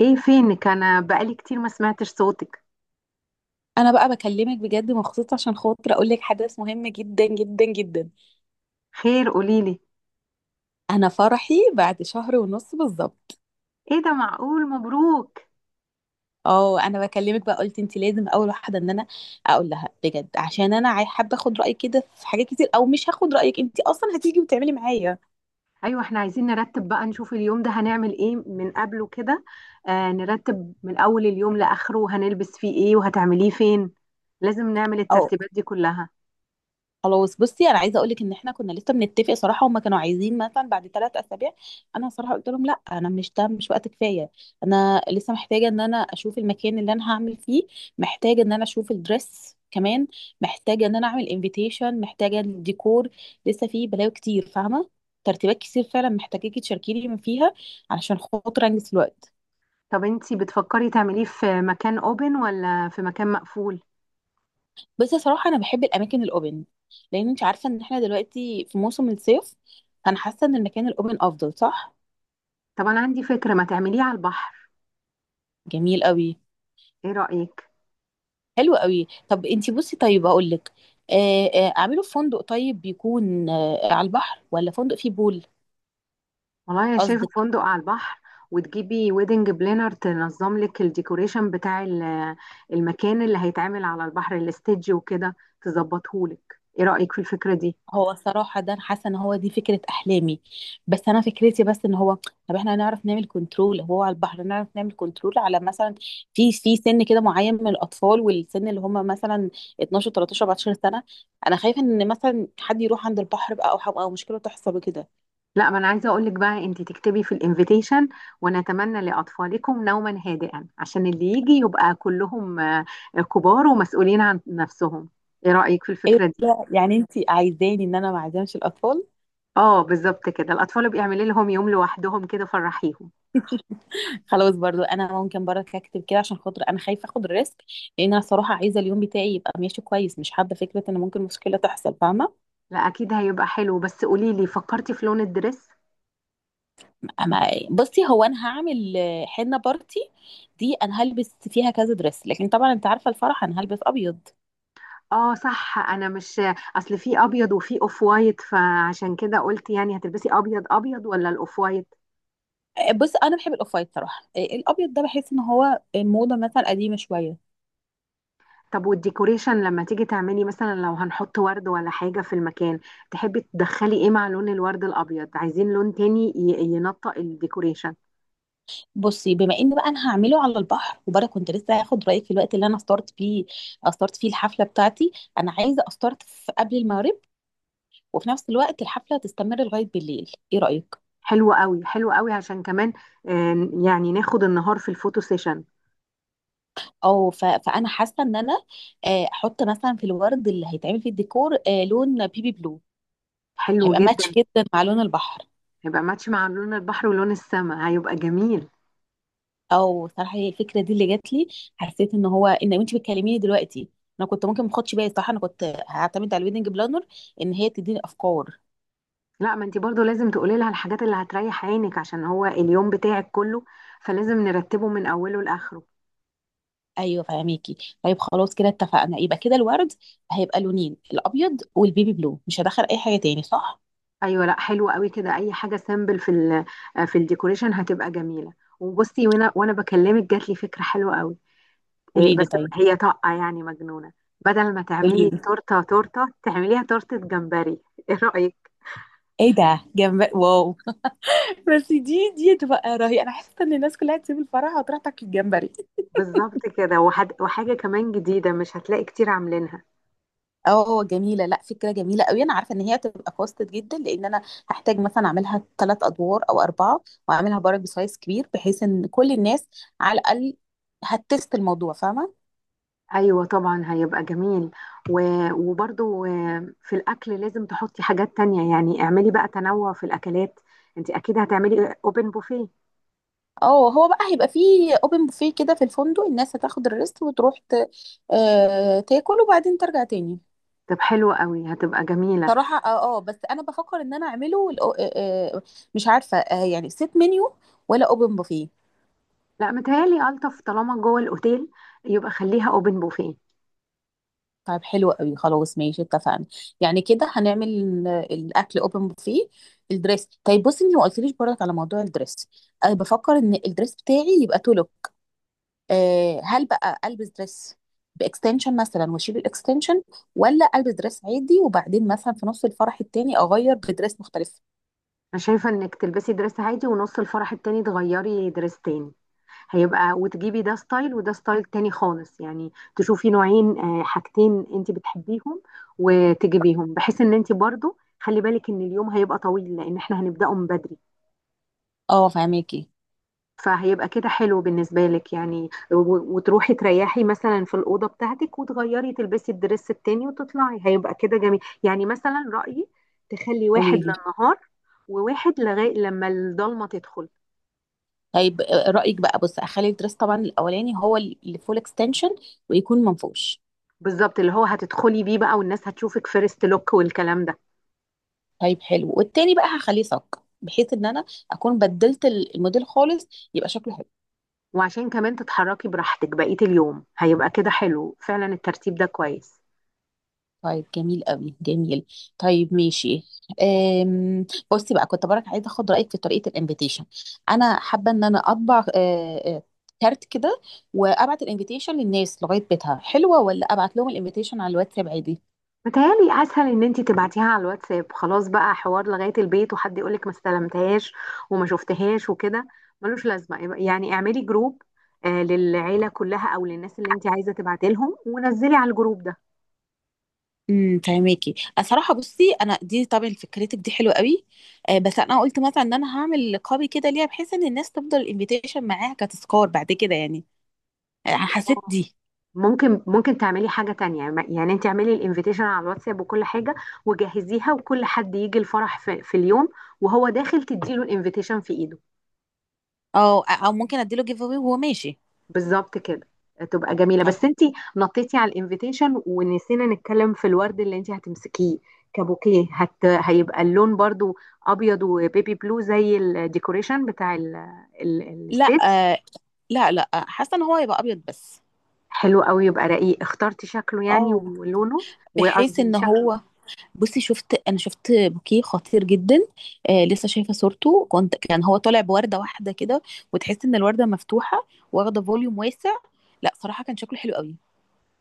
ايه فينك؟ انا بقالي كتير ما سمعتش صوتك. انا بقى بكلمك بجد مخصوص عشان خاطر اقول لك حدث مهم جدا جدا جدا. خير، قوليلي. انا فرحي بعد شهر ونص بالظبط. ايه ده؟ معقول؟ مبروك. اه، انا بكلمك بقى، قلت انت لازم اول واحده ان انا اقول لها بجد عشان انا حابه اخد رايك كده في حاجات كتير، او مش هاخد رايك انت اصلا هتيجي وتعملي معايا. ايوه، احنا عايزين نرتب بقى، نشوف اليوم ده هنعمل ايه من قبله كده. آه، نرتب من اول اليوم لاخره، هنلبس فيه ايه وهتعمليه فين. لازم نعمل آه. الترتيبات دي كلها. خلاص بصي انا عايزه اقول لك ان احنا كنا لسه بنتفق صراحه، هما كانوا عايزين مثلا بعد 3 اسابيع. انا صراحه قلت لهم لا، انا مش، ده مش وقت كفايه. انا لسه محتاجه ان انا اشوف المكان اللي انا هعمل فيه، محتاجه ان انا اشوف الدريس كمان، محتاجه ان انا اعمل انفيتيشن، محتاجه الديكور. لسه فيه بلاوي كتير فاهمه؟ ترتيبات كتير فعلا محتاجاكي تشاركيني من فيها علشان خاطر انجز في الوقت. طب انتي بتفكري تعمليه في مكان اوبن ولا في مكان مقفول؟ بس صراحه انا بحب الاماكن الاوبن، لان انت عارفه ان احنا دلوقتي في موسم الصيف. انا حاسه ان المكان الاوبن افضل، صح؟ طب انا عندي فكرة، ما تعمليه على البحر. جميل قوي. ايه رأيك؟ حلو قوي. طب انتي بصي، طيب هقول لك. اعمله في فندق، طيب بيكون على البحر ولا فندق فيه بول؟ والله انا شايفه قصدك؟ فندق على البحر. وتجيبي ويدنج بلانر تنظم لك الديكوريشن بتاع المكان اللي هيتعمل على البحر، الاستيدج وكده، تظبطه لك. ايه رايك في الفكره دي؟ هو الصراحه ده انا حاسه ان هو دي فكره احلامي. بس انا فكرتي بس ان هو، طب احنا هنعرف نعمل كنترول، هو على البحر نعرف نعمل كنترول على مثلا في سن كده معين من الاطفال، والسن اللي هم مثلا 12 13 14 سنه. انا خايفه ان مثلا حد يروح عند البحر بقى، او أو مشكله تحصل وكده. لا، ما انا عايزه اقول لك بقى انت تكتبي في الانفيتيشن: ونتمنى لاطفالكم نوما هادئا، عشان اللي يجي يبقى كلهم كبار ومسؤولين عن نفسهم. ايه رايك في ايه الفكره دي؟ ده؟ يعني انتي عايزاني ان انا ما اعزمش الاطفال؟ اه، بالظبط كده. الاطفال بيعملي لهم يوم لوحدهم كده فرحيهم. خلاص برضو انا ممكن برضك اكتب كده عشان خاطر انا خايفه اخد الريسك، لان انا صراحه عايزه اليوم بتاعي يبقى ماشي كويس، مش حابه فكره ان ممكن مشكله تحصل فاهمه. لا، اكيد هيبقى حلو. بس قولي لي فكرتي في لون الدريس. اما بصي، هو انا هعمل حنه بارتي، دي انا هلبس فيها كذا دريس، لكن طبعا انت عارفه الفرح انا هلبس ابيض. اه، صح، انا مش، اصل في ابيض وفي اوف وايت، فعشان كده قلت يعني هتلبسي ابيض ابيض ولا الاوف وايت؟ بص، انا بحب الاوف وايت صراحه، الابيض ده بحس ان هو موضه مثلا قديمه شويه. طب والديكوريشن لما تيجي تعملي، مثلا لو هنحط ورد ولا حاجة في المكان، تحبي تدخلي ايه مع لون الورد الابيض؟ عايزين لون تاني ينطق الديكوريشن. بصي، بما ان بقى انا هعمله على البحر، وبرضه كنت لسه هاخد رايك في الوقت اللي انا استارت فيه، استارت فيه الحفله بتاعتي. انا عايزه استارت في قبل المغرب، وفي نفس الوقت الحفله تستمر لغايه بالليل، ايه رايك؟ حلو قوي، حلو قوي عشان كمان يعني ناخد النهار في الفوتو سيشن. او فانا حاسه ان انا احط مثلا في الورد اللي هيتعمل فيه الديكور لون بيبي بلو. حلو هيبقى ماتش جدا. جدا مع لون البحر. هيبقى ماتش مع لون البحر ولون السماء، هيبقى جميل. او صراحه هي الفكره دي اللي جات لي، حسيت ان هو ان انت بتكلميني دلوقتي، انا كنت ممكن ما اخدش بالي، صح؟ انا كنت هعتمد على الويدنج بلانر ان هي تديني افكار. لا، ما انت برضو لازم تقولي لها الحاجات اللي هتريح عينك، عشان هو اليوم بتاعك كله، فلازم نرتبه من اوله لاخره. ايوه فهميكي. طيب خلاص كده اتفقنا، يبقى كده الورد هيبقى لونين، الابيض والبيبي بلو، مش هدخل اي حاجه تاني، صح؟ ايوه، لا حلو قوي كده، اي حاجه سامبل في ال آه، في الديكوريشن هتبقى جميله. وبصي، وانا بكلمك جات لي فكره حلوه قوي. إيه قولي بس؟ لي طيب. هي طاقه يعني مجنونه. بدل ما قولي تعملي لي. تورته تورته، تعمليها تورته جمبري ايه رايك؟ ايه ده؟ جمبري، واو. بس دي تبقى رهيبه، انا حاسه ان الناس كلها تسيب الفرح وتروح تاكل الجمبري. بالظبط كده. وحاجه كمان جديده مش هتلاقي كتير عاملينها. اه جميله، لا فكره جميله قوي. انا عارفه ان هي هتبقى كوستد جدا، لان انا هحتاج مثلا اعملها 3 ادوار او 4، واعملها برضه بسايز كبير بحيث ان كل الناس على الاقل هتست الموضوع فاهمه. ايوه، طبعا هيبقى جميل. وبرضو في الاكل لازم تحطي حاجات تانية، يعني اعملي بقى تنوع في الاكلات. انت اكيد هتعملي اوبن بوفيه. اه، هو بقى هيبقى فيه اوبن بوفيه كده في الفندق، الناس هتاخد الريست وتروح تاكل، وبعدين ترجع تاني. طب حلو قوي، هتبقى جميلة. صراحة اه، بس انا بفكر ان انا اعمله مش عارفة، يعني سيت منيو ولا اوبن بوفيه. لا، متهيألي الطف طالما جوه الاوتيل يبقى خليها اوبن بوفيه. طيب حلو قوي، خلاص ماشي اتفقنا. يعني كده هنعمل الاكل اوبن بوفيه. الدريس، طيب بصي اني ما قلتليش برضك على موضوع الدريس. انا بفكر ان الدريس بتاعي يبقى تولو. هل بقى البس دريس باكستنشن مثلا واشيل الاكستنشن، ولا البس دريس عادي وبعدين مثلا في نص الفرح التاني اغير بدريس مختلف؟ انا شايفة انك تلبسي دريس عادي ونص الفرح التاني تغيري دريس تاني، هيبقى وتجيبي ده ستايل وده ستايل تاني خالص، يعني تشوفي نوعين حاجتين انت بتحبيهم وتجيبيهم، بحيث ان انت برضو خلي بالك ان اليوم هيبقى طويل لان احنا هنبدأه من بدري. اه فهماكي. فهيبقى كده حلو بالنسبة لك يعني، وتروحي تريحي مثلا في الأوضة بتاعتك وتغيري تلبسي الدرس التاني وتطلعي، هيبقى كده جميل يعني، مثلا رأيي تخلي واحد قوليلي للنهار، وواحد لغاية لما الضلمة تدخل. طيب. رأيك بقى، بص اخلي الدريس، طبعا الاولاني هو اللي فول اكستنشن ويكون منفوش. بالظبط، اللي هو هتدخلي بيه بقى والناس هتشوفك فيرست لوك والكلام ده. طيب حلو، والتاني بقى هخليه صك بحيث ان انا اكون بدلت الموديل خالص، يبقى شكله حلو. وعشان كمان تتحركي براحتك بقية اليوم، هيبقى كده حلو فعلا، الترتيب ده كويس. طيب جميل قوي، جميل. طيب ماشي. بصي بقى، كنت برك عايزه اخد رايك في طريقه الانفيتيشن. انا حابه ان انا اطبع كارت كده، وابعت الانفيتيشن للناس لغايه بيتها، حلوه ولا ابعت لهم الانفيتيشن على الواتساب عادي؟ متهيألي أسهل إن أنتي تبعتيها على الواتساب، خلاص بقى حوار لغاية البيت وحد يقولك ما استلمتهاش وما شفتهاش وكده. ملوش لازمة، يعني اعملي جروب للعيلة كلها أو للناس اللي أنتي عايزة تبعتي لهم ونزلي على الجروب ده. فهماكي. صراحه بصي، انا دي طبعا فكرتك دي حلوه قوي، بس انا قلت مثلا ان انا هعمل قابي كده ليها بحيث ان الناس تفضل الانفيتيشن معاها كتذكار بعد كده، يعني حسيت اه. دي. ممكن تعملي حاجة تانية. يعني انت اعملي الانفيتيشن على الواتساب وكل حاجة، وجهزيها، وكل حد يجي الفرح في اليوم وهو داخل تديله الانفيتيشن في ايده. او ممكن اديله جيف اواي وهو ماشي. بالظبط كده. تبقى جميلة، طب بس انتي نطيتي على الانفيتيشن ونسينا نتكلم في الورد اللي انتي هتمسكيه. كبوكيه، هيبقى اللون برضو ابيض وبيبي بلو زي الديكوريشن بتاع لا، الستيج. آه لا لا، حاسه ان هو هيبقى ابيض بس. حلو قوي، يبقى رقيق، اخترتي شكله يعني اه، ولونه. بحيث وقصدي ان شكله. هو، بصي شفت، انا شفت بوكيه خطير جدا، لسه شايفه صورته، كان هو طالع بورده واحده كده، وتحس ان الورده مفتوحه، واخده فوليوم واسع. لا صراحه كان شكله حلو قوي.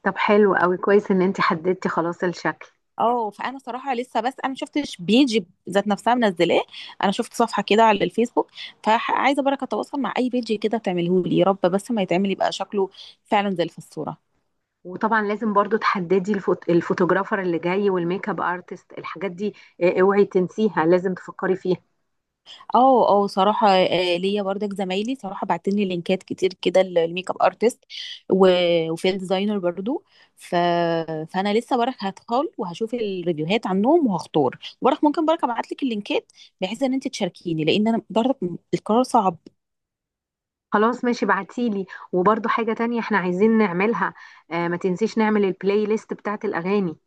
طب حلو قوي، كويس ان انتي حددتي خلاص الشكل. اه، فانا صراحه لسه، بس انا ما شفتش بيج ذات نفسها منزلاه. انا شفت صفحه كده على الفيسبوك، فعايزه بركه اتواصل مع اي بيج كده تعمله لي يا رب، بس ما يتعمل يبقى شكله فعلا زي اللي في الصوره. وطبعا لازم برضو تحددي الفوتوغرافر اللي جاي والميك اب ارتست، الحاجات دي. اه، اوعي تنسيها، لازم تفكري فيها. اه صراحة، ليا برضك زمايلي صراحة بعتني لينكات كتير كده للميك اب ارتست، وفي ديزاينر برضو. ف... فانا لسه برك هدخل وهشوف الريفيوهات عنهم، وهختار برك، ممكن برك ابعت لك اللينكات بحيث ان انت تشاركيني، لان انا برضك القرار صعب. خلاص، ماشي، بعتيلي. وبرضو حاجة تانية احنا عايزين نعملها، آه، ما تنسيش نعمل البلاي ليست بتاعت الأغاني.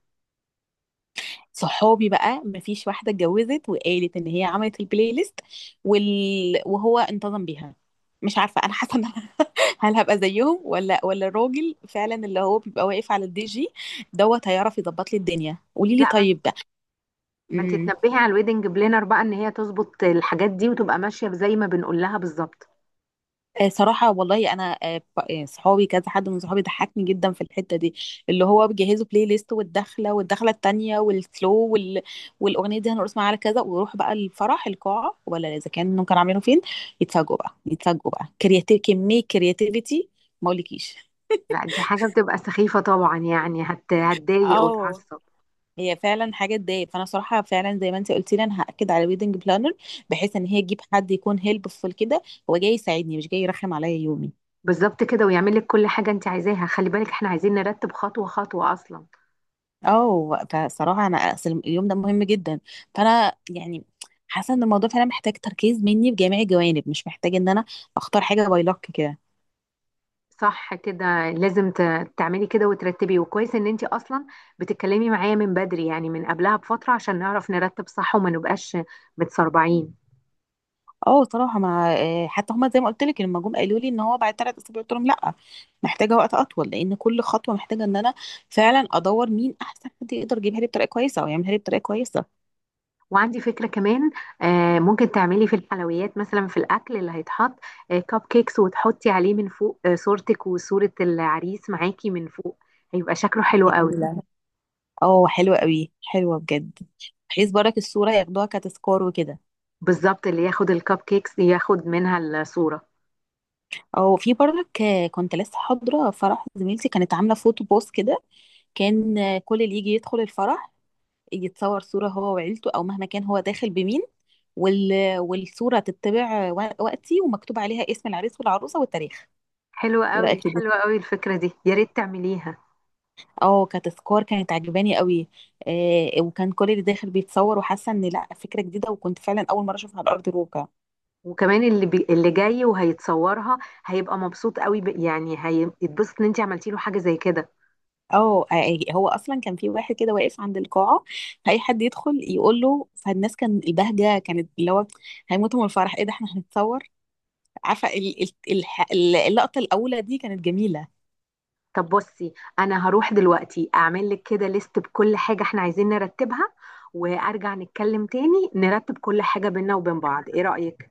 صحابي بقى مفيش واحدة اتجوزت وقالت ان هي عملت البلاي ليست وال... وهو انتظم بيها. مش عارفة، انا حاسة ان هل هابقى زيهم، ولا الراجل فعلا اللي هو بيبقى واقف على الدي جي دوت هيعرف يظبط لي الدنيا، قولي لي لا، طيب. ما انت امم تنبهي على الويدنج بلانر بقى ان هي تظبط الحاجات دي وتبقى ماشية زي ما بنقول لها بالظبط. صراحة والله أنا، صحابي كذا حد من صحابي ضحكني جدا في الحتة دي، اللي هو بيجهزوا بلاي ليست، والدخلة والدخلة التانية والسلو والأغنية دي هنرقص معاها على كذا، ويروح بقى الفرح القاعة ولا إذا كانوا عاملينه فين، يتفاجئوا بقى يتفاجئوا بقى كرياتيف، كمية كرياتيفيتي ما أقولكيش. لا، دي حاجة بتبقى سخيفة طبعا، يعني هتضايق اه وتعصب. هي فعلا حاجه تضايق، فانا صراحه فعلا زي ما انت قلتي لي انا هاكد على ويدنج بلانر بحيث ان هي تجيب حد يكون هيلبفول كده، هو جاي يساعدني مش جاي يرخم عليا يومي. بالظبط كده، ويعمل لك كل حاجة انت عايزاها. خلي بالك احنا عايزين نرتب خطوة خطوة أصلا. اه فصراحه انا اصل اليوم ده مهم جدا، فانا يعني حاسه ان الموضوع فعلا محتاج تركيز مني بجميع الجوانب، مش محتاج ان انا اختار حاجه باي لك كده. صح كده، لازم تعملي كده وترتبي، وكويس ان انتي اصلا بتتكلمي معايا من بدري يعني من قبلها بفترة عشان نعرف نرتب صح وما نبقاش متسربعين. اه صراحه، ما آه، حتى هما زي ما قلت لك لما جم قالوا لي ان هو بعد 3 اسابيع قلت لهم لا، محتاجه وقت اطول، لان كل خطوه محتاجه ان انا فعلا ادور مين احسن حد يقدر يجيبها لي بطريقه كويسه او يعملها لي بطريقه كويسه. وعندي فكرة كمان، ممكن تعملي في الحلويات مثلا، في الاكل اللي هيتحط كب كيكس وتحطي عليه من فوق صورتك وصورة العريس معاكي من فوق، هيبقى شكله حلو قوي. جميلة. اه حلوة قوي، حلوة بجد، بحيث برك الصورة ياخدوها كتذكار وكده. بالظبط، اللي ياخد الكب كيكس ياخد منها الصورة. او في برك، كنت لسه حاضرة فرح زميلتي، كانت عاملة فوتو بوست كده، كان كل اللي يجي يدخل الفرح يتصور صورة هو وعيلته او مهما كان هو داخل بمين، وال... والصورة تتبع وقتي ومكتوب عليها اسم العريس والعروسة والتاريخ. حلوة ايه رأيك قوي، في دي؟ حلوة قوي الفكرة دي، يا ريت تعمليها. اه، كتذكار كانت عجباني قوي. وكان كل اللي داخل بيتصور وحاسة ان لا فكرة جديدة، وكنت فعلا اول مرة اشوفها على ارض الواقع. وكمان اللي جاي وهيتصورها هيبقى مبسوط قوي، يعني هيتبسط ان انت عملتي له حاجه زي كده. اه، هو اصلا كان في واحد كده واقف عند القاعه، اي حد يدخل يقول له، فالناس كان البهجه كانت اللي هو هيموتوا من الفرح، ايه ده احنا هنتصور. عارفه اللقطه الاولى دي كانت جميله. طب بصي، انا هروح دلوقتي اعمل لك كده ليست بكل حاجه احنا عايزين نرتبها، وارجع نتكلم تاني نرتب كل حاجه بينا وبين بعض. ايه رايك؟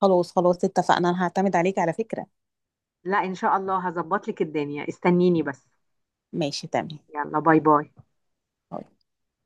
خلاص خلاص اتفقنا، انا هعتمد عليك على فكره. لا، ان شاء الله هظبط لك الدنيا، استنيني بس. ماشي تمام. يلا، باي باي.